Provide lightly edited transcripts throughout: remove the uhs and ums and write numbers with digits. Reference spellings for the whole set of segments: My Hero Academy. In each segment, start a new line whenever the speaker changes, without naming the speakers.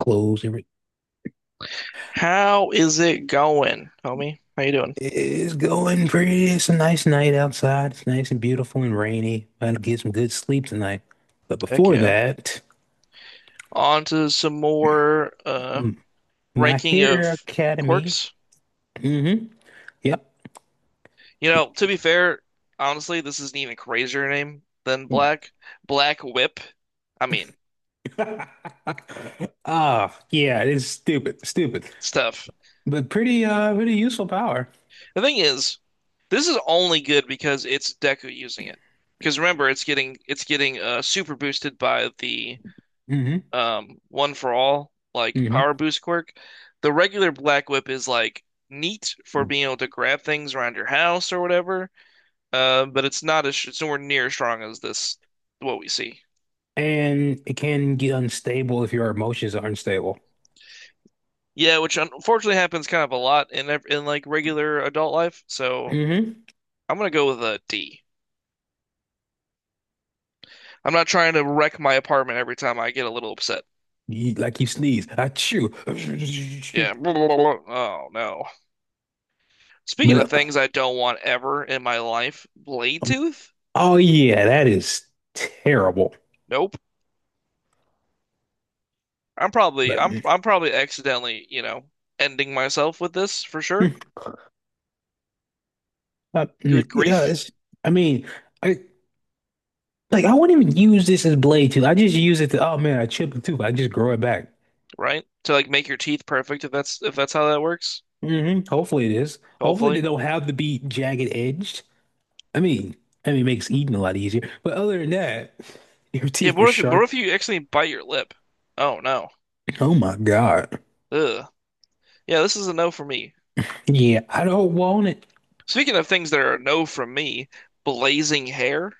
Clothes.
How is it going, homie? How you doing?
It's going pretty. It's a nice night outside. It's nice and beautiful and rainy. I'm gonna get some good sleep tonight. But
Heck
before
yeah.
that,
On to some more
mm, My
ranking
Hero
of
Academy.
quirks.
hmm Yep.
You know, to be fair, honestly, this is an even crazier name than Black. Black Whip. I mean,
Ah, yeah, it's stupid, stupid,
it's tough.
but pretty, pretty useful power.
The thing is, this is only good because it's Deku using it. Because remember, it's getting super boosted by the
Hmm
one for all, like
hmm
power boost quirk. The regular Black Whip is like neat for being able to grab things around your house or whatever, but it's not as it's nowhere near as strong as this what we see.
And it can get unstable if your emotions are unstable.
Yeah, which unfortunately happens kind of a lot in like regular adult life. So
Hmm
I'm gonna go with a D. I'm not trying to wreck my apartment every time I get a little upset.
You, like you sneeze, I chew,
Yeah. Oh no. Speaking of
but
things I don't want ever in my life,
uh,
Bladetooth?
oh yeah, that is terrible.
Nope. I'm probably I'm
But-
I'm probably accidentally, ending myself with this for sure. Good
Yeah,
grief,
I mean, I like I wouldn't even use this as blade tooth. I just use it to, oh man, I chipped a tooth. I just grow it back.
right? To like make your teeth perfect if that's how that works.
Hmm Hopefully it is. Hopefully they
Hopefully.
don't have to be jagged edged. I mean, I mean, it makes eating a lot easier. But other than that, your
Yeah, but
teeth were
what if you what
sharp.
if you accidentally bite your lip? Oh no.
Oh my God.
Ugh. Yeah, this is a no for me.
Yeah, I don't want it.
Speaking of things that are a no from me, blazing hair.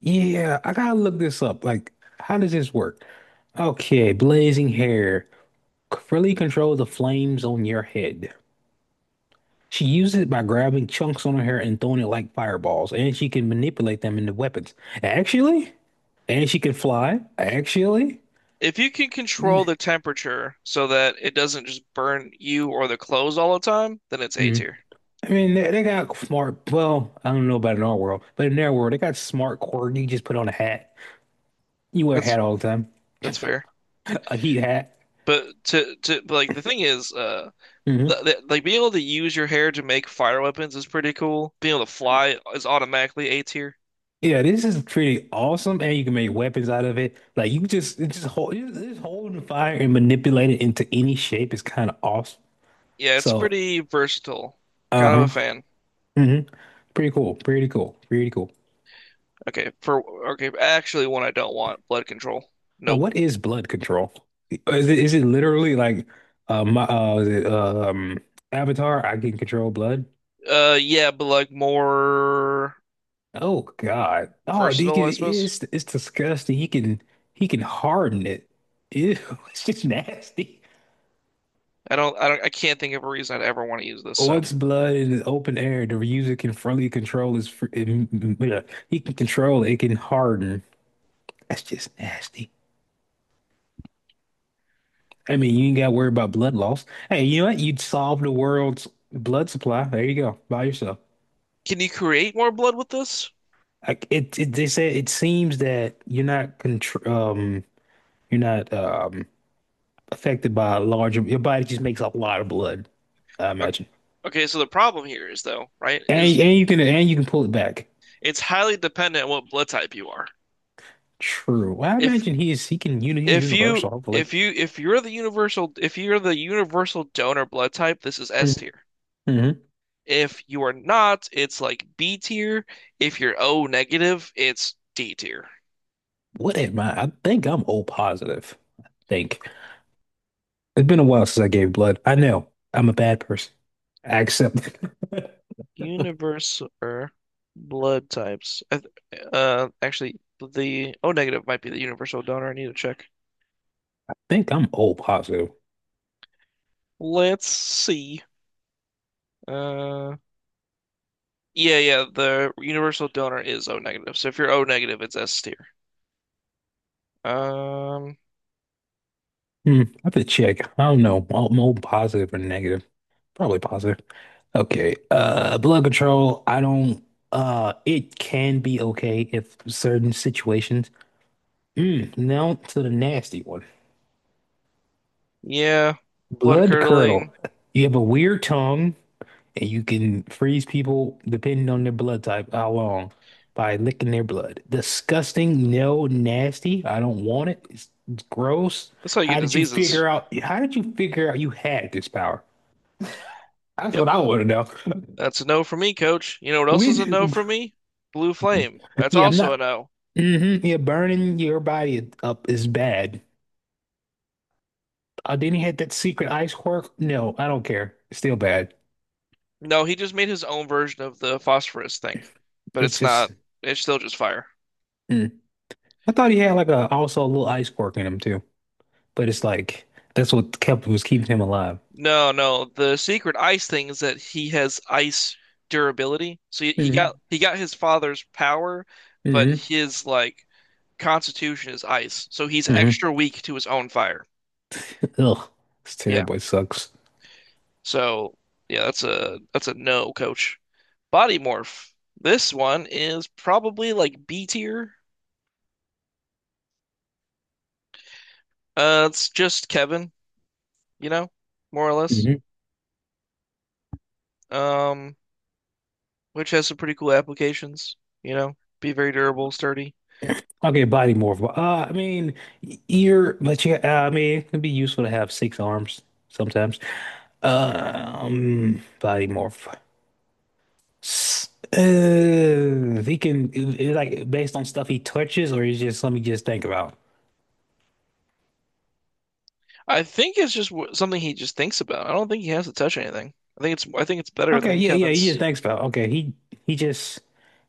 Yeah, I gotta look this up. Like, how does this work? Okay, blazing hair. Freely control the flames on your head. She uses it by grabbing chunks on her hair and throwing it like fireballs, and she can manipulate them into weapons. Actually, and she can fly. Actually,
If you can
mm,
control the temperature so that it doesn't just burn you or the clothes all the time, then it's A
mm.
tier.
I mean, they got smart. Well, I don't know about in our world, but in their world, they got smart quirky. You just put on a hat. You wear a
That's
hat all the time,
that's fair.
a heat hat.
But to but like the thing is,
Hmm
like being able to use your hair to make fire weapons is pretty cool. Being able to fly is automatically A tier.
Yeah, this is pretty awesome, and you can make weapons out of it. Like you just, you just holding the fire and manipulate it into any shape is kind of awesome.
Yeah, it's
So.
pretty versatile. Kind of
Uh-huh.
a fan.
hmm Pretty cool. Pretty cool. Pretty cool.
Okay, for okay, actually one I don't want, blood control.
Now,
Nope.
what is blood control? Is it literally like my Avatar? I can control blood.
Yeah, but like more
Oh God. Oh,
versatile,
Deacon
I suppose.
is it's disgusting. He can harden it. Ew, it's just nasty.
I don't I can't think of a reason I'd ever want to use this, so.
Once blood in the open air, the user can freely control his. He can control it. It can harden. That's just nasty. I mean, you ain't got to worry about blood loss. Hey, you know what? You'd solve the world's blood supply. There you go, by yourself.
Can you create more blood with this?
Like they said it seems that you're not affected by a large. Your body just makes a lot of blood. I
O-
imagine,
Okay, so the problem here is though, right, is
and you can pull it back.
it's highly dependent on what blood type you are.
True. Well, I
If
imagine he is he can you he's
If you
universal. Hopefully.
if you if you're the universal donor blood type, this is S
Mm-hmm.
tier.
Mm-hmm.
If you are not, it's like B tier. If you're O negative, it's D tier.
What am I? I think I'm O positive. I think it's been a while since I gave blood. I know I'm a bad person. I accept it.
Universal blood types. I actually, the O negative might be the universal donor. I need to check.
think I'm O positive.
Let's see. Uh, yeah, the universal donor is O negative. So if you're O negative, it's S tier. Um,
Hmm, I have to check. I don't know. I'm O positive or negative. Probably positive. Okay. Blood control. I don't. It can be okay if certain situations. Mm, now to the nasty one.
yeah, blood
Blood
curdling.
curdle. You have a weird tongue. And you can freeze people depending on their blood type, how long, by licking their blood. Disgusting, no, nasty. I don't want it. It's gross.
That's how you get
How did you
diseases.
figure out? How did you figure out you had this power? That's
Yep.
what I want to know.
That's a no for me, coach. You know what else is a
We,
no for me? Blue flame. That's
yeah, I'm
also a
not.
no.
Hmm yeah, burning your body up is bad. Then he had that secret ice quirk. No, I don't care. It's still bad.
No, he just made his own version of the phosphorus thing, but
It's just.
it's still just fire.
Mm. I thought he had like a also a little ice quirk in him too. But it's like that's what kept was keeping him alive.
No, no. The secret ice thing is that he has ice durability. So
Mm-hmm.
he got his father's power, but
Mm-hmm.
his like constitution is ice. So he's
Mm-hmm.
extra weak to his own fire.
Ugh, it's
Yeah.
terrible. It sucks.
So yeah, that's a no, coach. Body Morph. This one is probably like B tier. It's just Kevin, you know, more or less.
Mm-hmm.
Um, which has some pretty cool applications, you know, be very durable, sturdy.
Okay, body morph. Well, y- but yeah, I mean, it can be useful to have six arms sometimes. Body morph. He can, like, based on stuff he touches, or is just let me just think about?
I think it's just w something he just thinks about. I don't think he has to touch anything. I think it's better
Okay,
than
yeah, yeah, he just
Kevin's.
thanks pal. Okay, he just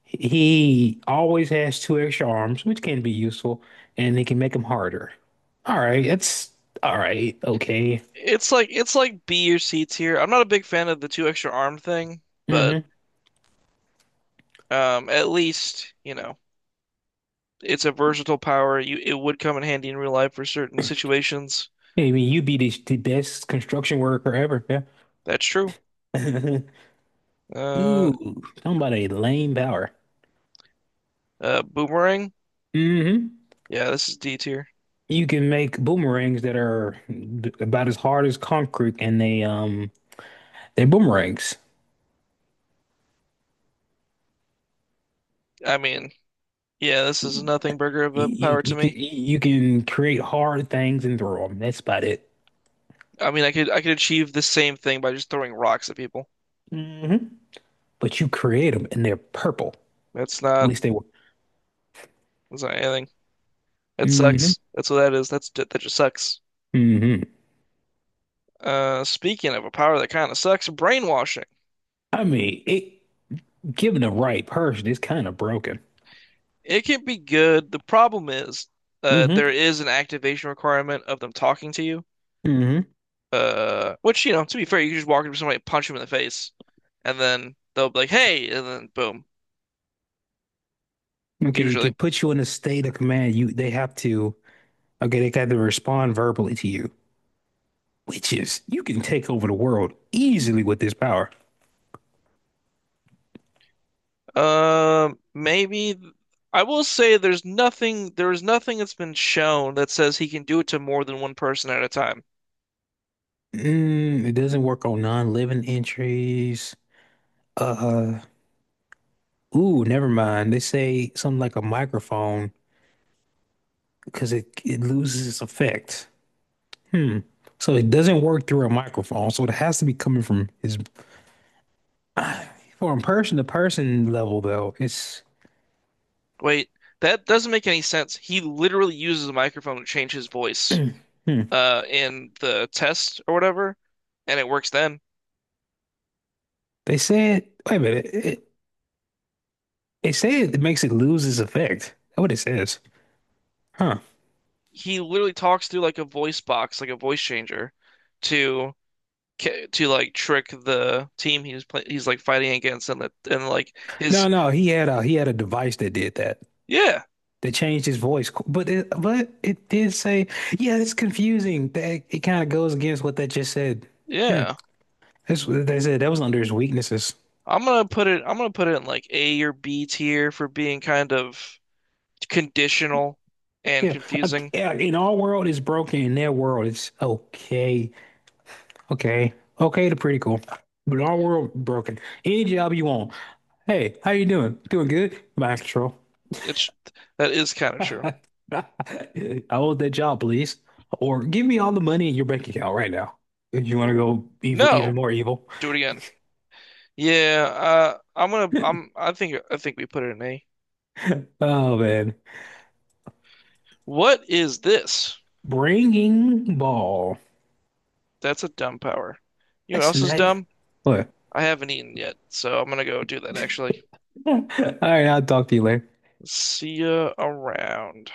he always has two extra arms, which can be useful, and they can make him harder. All right, Okay.
It's like B or C tier. I'm not a big fan of the two extra arm thing, but
Mm-hmm.
at least, you know, it's a versatile power. You it would come in handy in real life for certain situations.
Yeah, I mean, you'd be the best construction worker ever. Yeah.
That's true. Uh,
Ooh, talking about a lame power.
Boomerang.
Mm-hmm.
Yeah, this is D tier.
You can make boomerangs that are about as hard as concrete, and they're boomerangs.
I mean, yeah, this is nothing burger of
You,
a power to me.
you can create hard things and throw them. That's about it.
I mean, I could achieve the same thing by just throwing rocks at people.
Hmm But you create them and they're purple.
That's
At
not
least they were.
that's not anything. It
Hmm
sucks. That's what that is. That's that just sucks.
hmm
Speaking of a power that kind of sucks, brainwashing.
I mean, it given the right person, it's kind of broken.
It can be good. The problem is, there
Hmm
is an activation requirement of them talking to you.
hmm
Which you know, to be fair, you can just walk up to somebody, punch them in the face, and then they'll be like, "Hey," and then boom.
Okay, it can
Usually.
put you in a state of command. You they have to okay, they have to respond verbally to you, which is you can take over the world easily with this power.
Maybe I will say there is nothing that's been shown that says he can do it to more than one person at a time.
Mm, it doesn't work on non-living entries. Uh, ooh, never mind. They say something like a microphone because it loses its effect. Hmm. So it doesn't work through a microphone. So it has to be coming from his from person to person level though. It's
Wait, that doesn't make any sense. He literally uses a microphone to change his voice
hmm.
in the test or whatever, and it works then.
They said wait a minute. They said it makes it lose its effect. That's what it says. Huh.
He literally talks through like a voice box, like a voice changer to to like trick the team he's like fighting against and the and like
No,
his
no, he had a device that did that.
yeah,
That changed his voice. But it did say, yeah, it's confusing. That it kind of goes against what that just said. Hmm.
yeah.
That's what they said. That was under his weaknesses.
I'm gonna put it in like A or B tier for being kind of conditional and
Yeah,
confusing.
yeah, in our world it's broken. In their world, it's okay. Okay. Okay, they're pretty cool. But our world broken. Any job you want. Hey, how you doing? Doing good? Mind control.
It's that is kind of true.
I want that job, please. Or give me all the money in your bank account right now. If you want to
Oh,
go evil, even
No,
more evil.
do it again. Yeah, I think we put it in A.
Oh man.
What is this?
Bringing ball.
That's a dumb power. You know what
That's
else is
not
dumb?
what.
I haven't eaten yet, so I'm gonna go do that actually.
All right, I'll talk to you later.
See ya around.